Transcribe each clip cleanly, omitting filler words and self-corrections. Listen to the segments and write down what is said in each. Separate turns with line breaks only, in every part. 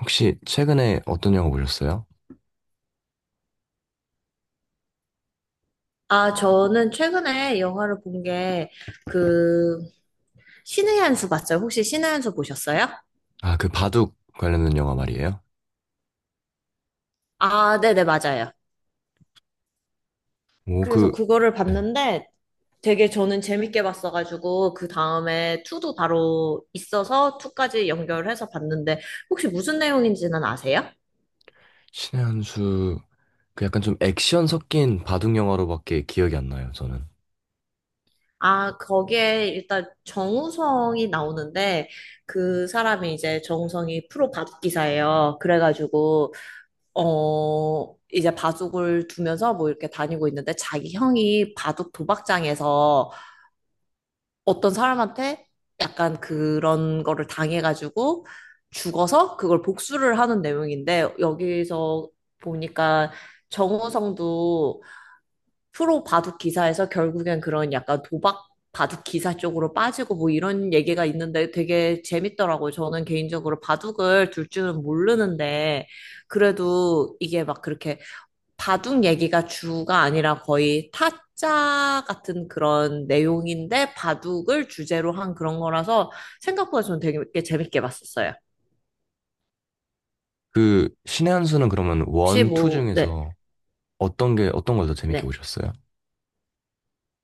혹시 최근에 어떤 영화 보셨어요?
아, 저는 최근에 영화를 본 게, 그, 신의 한수 봤어요? 혹시 신의 한수 보셨어요?
아, 그 바둑 관련된 영화 말이에요?
아, 네네, 맞아요.
오,
그래서
그,
그거를
네.
봤는데 되게 저는 재밌게 봤어가지고, 그 다음에 투도 바로 있어서 투까지 연결해서 봤는데, 혹시 무슨 내용인지는 아세요?
신의 한 수, 그 약간 좀 액션 섞인 바둑 영화로밖에 기억이 안 나요, 저는.
아, 거기에 일단 정우성이 나오는데, 그 사람이 이제 정우성이 프로 밥기사예요. 그래가지고, 이제 바둑을 두면서 뭐 이렇게 다니고 있는데 자기 형이 바둑 도박장에서 어떤 사람한테 약간 그런 거를 당해가지고 죽어서 그걸 복수를 하는 내용인데 여기서 보니까 정우성도 프로 바둑 기사에서 결국엔 그런 약간 도박 바둑 기사 쪽으로 빠지고 뭐 이런 얘기가 있는데 되게 재밌더라고요. 저는 개인적으로 바둑을 둘 줄은 모르는데 그래도 이게 막 그렇게 바둑 얘기가 주가 아니라 거의 타짜 같은 그런 내용인데 바둑을 주제로 한 그런 거라서 생각보다 저는 되게 재밌게 봤었어요.
그, 신의 한 수는 그러면
혹시
원, 투
뭐, 네,
중에서 어떤 게, 어떤 걸 더 재밌게
네.
보셨어요?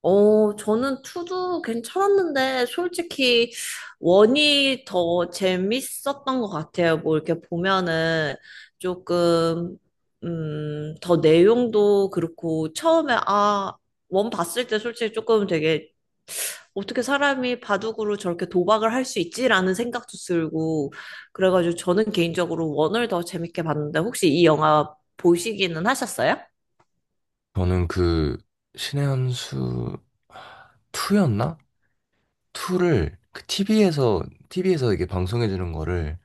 저는 투도 괜찮았는데 솔직히 원이 더 재밌었던 것 같아요. 뭐 이렇게 보면은 조금, 더 내용도 그렇고 처음에 아, 원 봤을 때 솔직히 조금 되게 어떻게 사람이 바둑으로 저렇게 도박을 할 수 있지라는 생각도 들고 그래가지고 저는 개인적으로 원을 더 재밌게 봤는데 혹시 이 영화 보시기는 하셨어요?
저는 그, 신의 한 수, 투였나? 투를 그 TV에서, 티비에서 이게 방송해주는 거를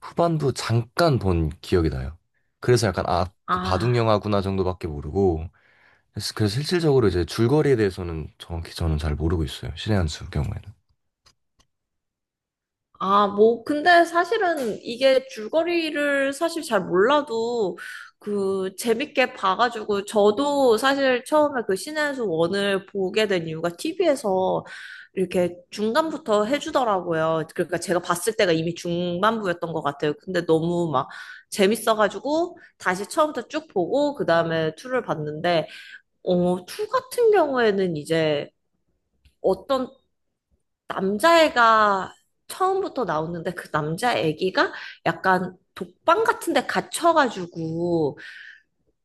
후반부 잠깐 본 기억이 나요. 그래서 약간 아, 그 바둑
아.
영화구나 정도밖에 모르고 그래서 실질적으로 이제 줄거리에 대해서는 정확히 저는 잘 모르고 있어요. 신의 한수 경우에는.
아, 뭐, 근데 사실은 이게 줄거리를 사실 잘 몰라도 그 재밌게 봐가지고 저도 사실 처음에 그 신의 수 원을 보게 된 이유가 TV에서 이렇게 중간부터 해주더라고요. 그러니까 제가 봤을 때가 이미 중반부였던 것 같아요. 근데 너무 막 재밌어가지고 다시 처음부터 쭉 보고 그 다음에 2를 봤는데, 2 같은 경우에는 이제 어떤 남자애가 처음부터 나오는데 그 남자 애기가 약간 독방 같은 데 갇혀가지고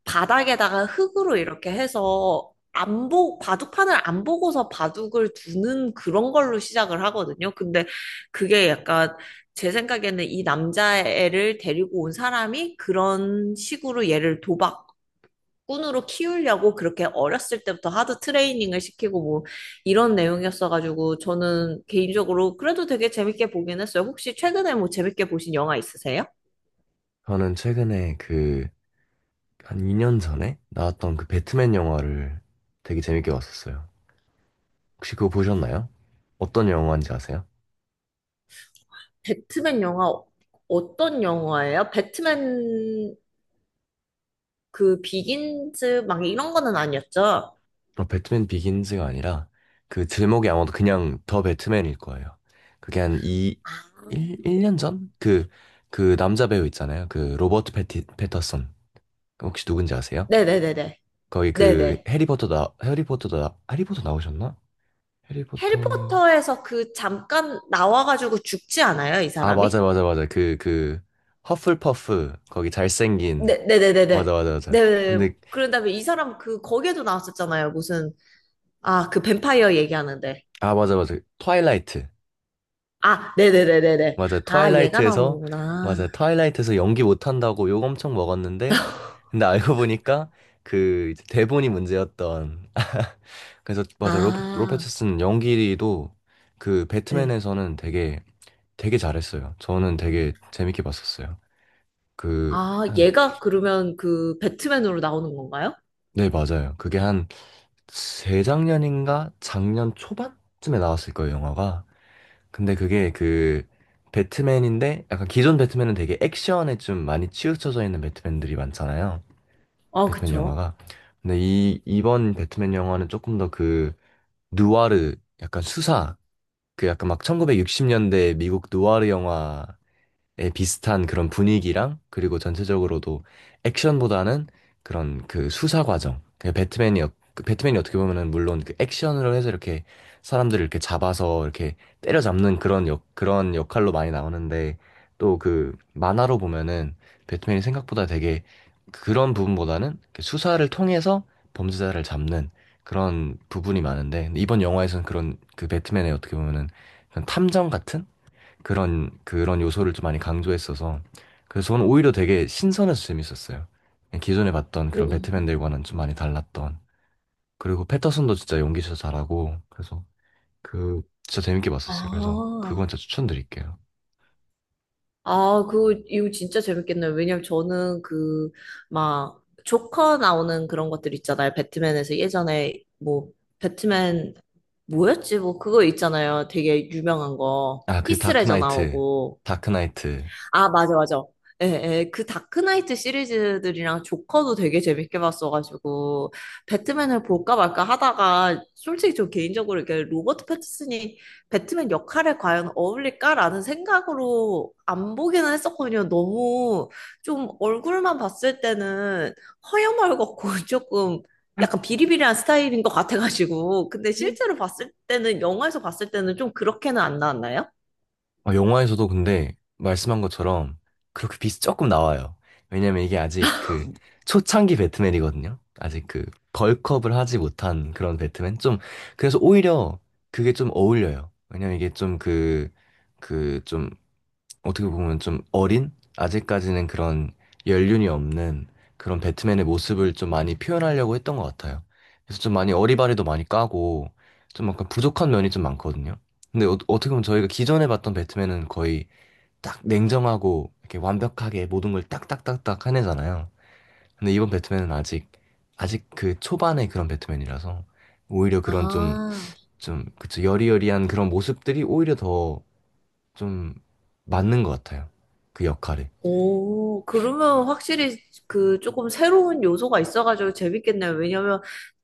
바닥에다가 흙으로 이렇게 해서 안 보, 바둑판을 안 보고서 바둑을 두는 그런 걸로 시작을 하거든요. 근데 그게 약간 제 생각에는 이 남자애를 데리고 온 사람이 그런 식으로 얘를 도박 꾼으로 키우려고 그렇게 어렸을 때부터 하드 트레이닝을 시키고 뭐 이런 내용이었어가지고 저는 개인적으로 그래도 되게 재밌게 보긴 했어요. 혹시 최근에 뭐 재밌게 보신 영화 있으세요?
저는 최근에 그 한 2년 전에 나왔던 그 배트맨 영화를 되게 재밌게 봤었어요. 혹시 그거 보셨나요? 어떤 영화인지 아세요?
배트맨 영화 어- 어떤 영화예요? 배트맨 그 비긴즈 막 이런 거는 아니었죠?
어, 배트맨 비긴즈가 아니라 그 제목이 아마도 그냥 더 배트맨일 거예요. 그게 한이
아.
1, 일년 전? 그, 그 남자 배우 있잖아요. 그 로버트 패티, 패터슨. 혹시 누군지 아세요?
네네네네.
거기 그
네네.
해리포터 나, 해리포터 나, 해리포터 나오셨나? 해리포터.
해리포터에서 그 잠깐 나와가지고 죽지 않아요, 이
아,
사람이?
맞아, 맞아, 맞아. 그, 그, 허플퍼프. 거기 잘생긴.
네, 네네네네. 네.
맞아, 맞아, 맞아.
네, 네.
근데,
그런 다음에 이 사람 그 거기에도 나왔었잖아요. 무슨 아, 그 뱀파이어 얘기하는데.
아, 맞아, 맞아. 트와일라이트.
아, 네네네네네.
맞아.
아, 얘가
트와일라이트에서, 맞아.
나오는구나.
트와일라이트에서 연기 못한다고 욕 엄청 먹었는데, 근데 알고 보니까 그 이제 대본이 문제였던. 그래서, 맞아. 로, 로페
아,
스슨 연기도 그
네.
배트맨에서는 되게, 되게 잘했어요. 저는 되게 재밌게 봤었어요. 그,
아,
한,
얘가 그러면 그 배트맨으로 나오는 건가요?
네, 맞아요. 그게 한 재작년인가? 작년 초반쯤에 나왔을 거예요, 영화가. 근데 그게 그 배트맨인데 약간 기존 배트맨은 되게 액션에 좀 많이 치우쳐져 있는 배트맨들이 많잖아요.
아,
배트맨
그쵸.
영화가. 근데 이 이번 배트맨 영화는 조금 더 그 누아르 약간 수사 그 약간 막 1960년대 미국 누아르 영화 에 비슷한 그런 분위기랑 그리고 전체적으로도 액션보다는 그런 그 수사 과정. 그 배트맨이 어- 그 배트맨이 어떻게 보면은 물론 그 액션으로 해서 이렇게 사람들을 이렇게 잡아서 이렇게 때려잡는 그런 역 그런 역할로 많이 나오는데 또 그 만화로 보면은 배트맨이 생각보다 되게 그런 부분보다는 그 수사를 통해서 범죄자를 잡는 그런 부분이 많은데 이번 영화에서는 그런 그 배트맨의 어떻게 보면은 그런 탐정 같은 그런 요소를 좀 많이 강조했어서 그래서 저는 오히려 되게 신선해서 재밌었어요. 기존에 봤던
오,
그런
오.
배트맨들과는 좀 많이 달랐던 그리고 패터슨도 진짜 연기 진짜 잘하고 그래서 그 진짜 재밌게 봤었어요. 그래서
아,
그건 진짜 추천드릴게요.
아, 그, 이거 진짜 재밌겠네요. 왜냐면 저는 그, 막, 조커 나오는 그런 것들 있잖아요. 배트맨에서 예전에, 뭐, 배트맨, 뭐였지? 뭐, 그거 있잖아요. 되게 유명한 거.
아, 그
히스레저
다크나이트
나오고.
다크나이트
아, 맞아, 맞아. 예, 예, 그 다크나이트 시리즈들이랑 조커도 되게 재밌게 봤어가지고, 배트맨을 볼까 말까 하다가, 솔직히 저 개인적으로 이렇게 로버트 패티슨이 배트맨 역할에 과연 어울릴까라는 생각으로 안 보기는 했었거든요. 너무 좀 얼굴만 봤을 때는 허여멀겋고 조금 약간 비리비리한 스타일인 것 같아가지고, 근데 실제로 봤을 때는, 영화에서 봤을 때는 좀 그렇게는 안 나왔나요?
어, 영화에서도 근데 말씀한 것처럼 그렇게 비이 조금 나와요. 왜냐면 이게 아직 그 초창기 배트맨이거든요. 아직 그 벌크업을 하지 못한 그런 배트맨. 좀, 그래서 오히려 그게 좀 어울려요. 왜냐면 이게 좀 그, 그좀 어떻게 보면 좀 어린 아직까지는 그런 연륜이 없는 그런 배트맨의 모습을 좀 많이 표현하려고 했던 것 같아요. 그래서 좀 많이 어리바리도 많이 까고 좀 약간 부족한 면이 좀 많거든요. 근데 어, 어떻게 보면 저희가 기존에 봤던 배트맨은 거의 딱 냉정하고 이렇게 완벽하게 모든 걸 딱딱딱딱 해내잖아요. 근데 이번 배트맨은 아직 그 초반의 그런 배트맨이라서 오히려 그런 좀
아,
좀 그쵸 여리여리한 그런 모습들이 오히려 더 좀 맞는 것 같아요. 그 역할에
오, 그러면 확실히 그 조금 새로운 요소가 있어가지고 재밌겠네요. 왜냐면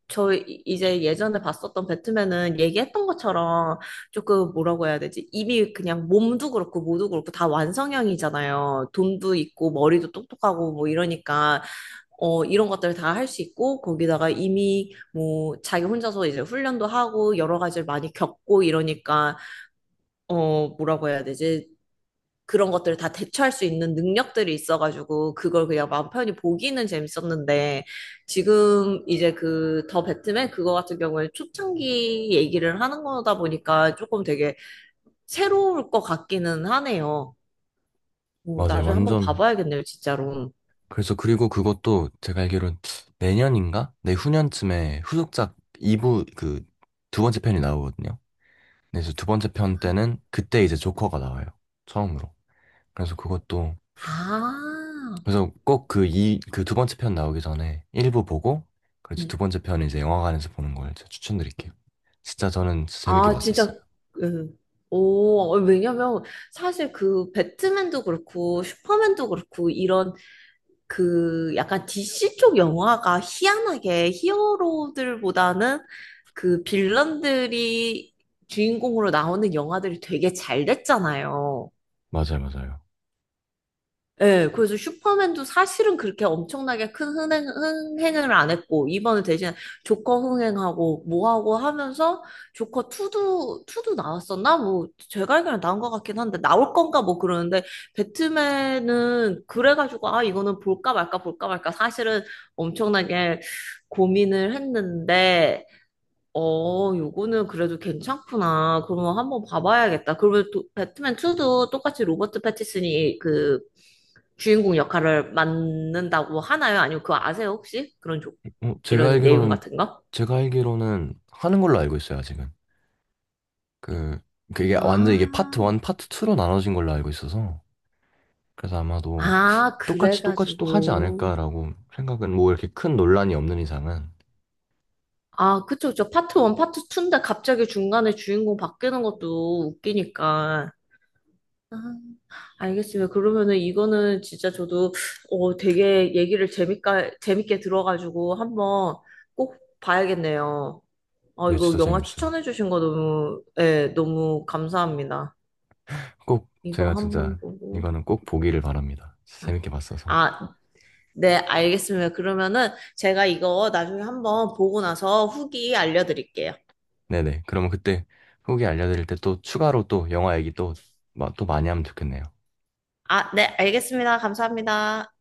저 이- 이제 예전에 봤었던 배트맨은 얘기했던 것처럼 조금 뭐라고 해야 되지? 이미 그냥 몸도 그렇고 모두 그렇고 다 완성형이잖아요. 돈도 있고 머리도 똑똑하고 뭐 이러니까 이런 것들을 다 할 수 있고 거기다가 이미 뭐 자기 혼자서 이제 훈련도 하고 여러 가지를 많이 겪고 이러니까 뭐라고 해야 되지? 그런 것들을 다 대처할 수 있는 능력들이 있어가지고 그걸 그냥 마음 편히 보기는 재밌었는데 지금 이제 그 더 배트맨 그거 같은 경우에 초창기 얘기를 하는 거다 보니까 조금 되게 새로울 것 같기는 하네요. 오,
맞아요.
나중에 한번
완전.
봐봐야겠네요, 진짜로.
그래서 그리고 그것도 제가 알기로는 내년인가? 내후년쯤에 후속작 2부 그 두 번째 편이 나오거든요. 네, 그래서 두 번째 편 때는 그때 이제 조커가 나와요. 처음으로. 그래서 그것도
아,
그래서 꼭 그 이 그 두 번째 편 나오기 전에 1부 보고 그래서
네.
두 번째 편 이제 영화관에서 보는 걸 제가 추천드릴게요. 진짜 저는 재밌게
아, 진짜,
봤었어요.
음. 오, 왜냐면 사실 그 배트맨도 그렇고 슈퍼맨도 그렇고 이런 그 약간 DC 쪽 영화가 희한하게 히어로들보다는 그 빌런들이 주인공으로 나오는 영화들이 되게 잘 됐잖아요.
맞아요, 맞아요.
예, 그래서 슈퍼맨도 사실은 그렇게 엄청나게 큰 흥행, 흥행을 안 했고, 이번에 대신 조커 흥행하고, 뭐하고 하면서, 조커 2도, 투도 나왔었나? 뭐, 제가 알기로는 나온 것 같긴 한데, 나올 건가 뭐 그러는데, 배트맨은 그래가지고, 아, 이거는 볼까 말까, 볼까 말까, 사실은 엄청나게 고민을 했는데, 요거는 그래도 괜찮구나. 그러면 한번 봐봐야겠다. 그러면 또 배트맨 2도 똑같이 로버트 패티슨이 그 주인공 역할을 맡는다고 하나요? 아니면 그거 아세요, 혹시? 그런 조,
어, 제가
이런 내용
알기로는
같은 거?
제가 알기로는 하는 걸로 알고 있어요, 아직은. 그 그게 완전 이게 파트
아,
1, 파트 2로 나눠진 걸로 알고 있어서 그래서 아마도
아,
똑같이 또 하지
그래가지고.
않을까라고 생각은 뭐 이렇게 큰 논란이 없는 이상은
아, 그쵸, 그쵸. 파트 1, 파트 2인데 갑자기 중간에 주인공 바뀌는 것도 웃기니까. 아. 알겠습니다. 그러면은 이거는 진짜 저도 되게 얘기를 재밌게, 재밌게 들어가지고 한번 꼭 봐야겠네요. 아,
네,
이거
진짜
영화
재밌어요.
추천해주신 거 너무, 예, 너무 감사합니다.
꼭
이거
제가
한번
진짜
보고.
이거는 꼭 보기를 바랍니다. 진짜
아,
재밌게 봤어서.
아, 네, 알겠습니다. 그러면은 제가 이거 나중에 한번 보고 나서 후기 알려드릴게요.
네네. 그러면 그때 후기 알려드릴 때 또 추가로 또 영화 얘기 또, 마- 또 많이 하면 좋겠네요.
아, 네, 알겠습니다. 감사합니다.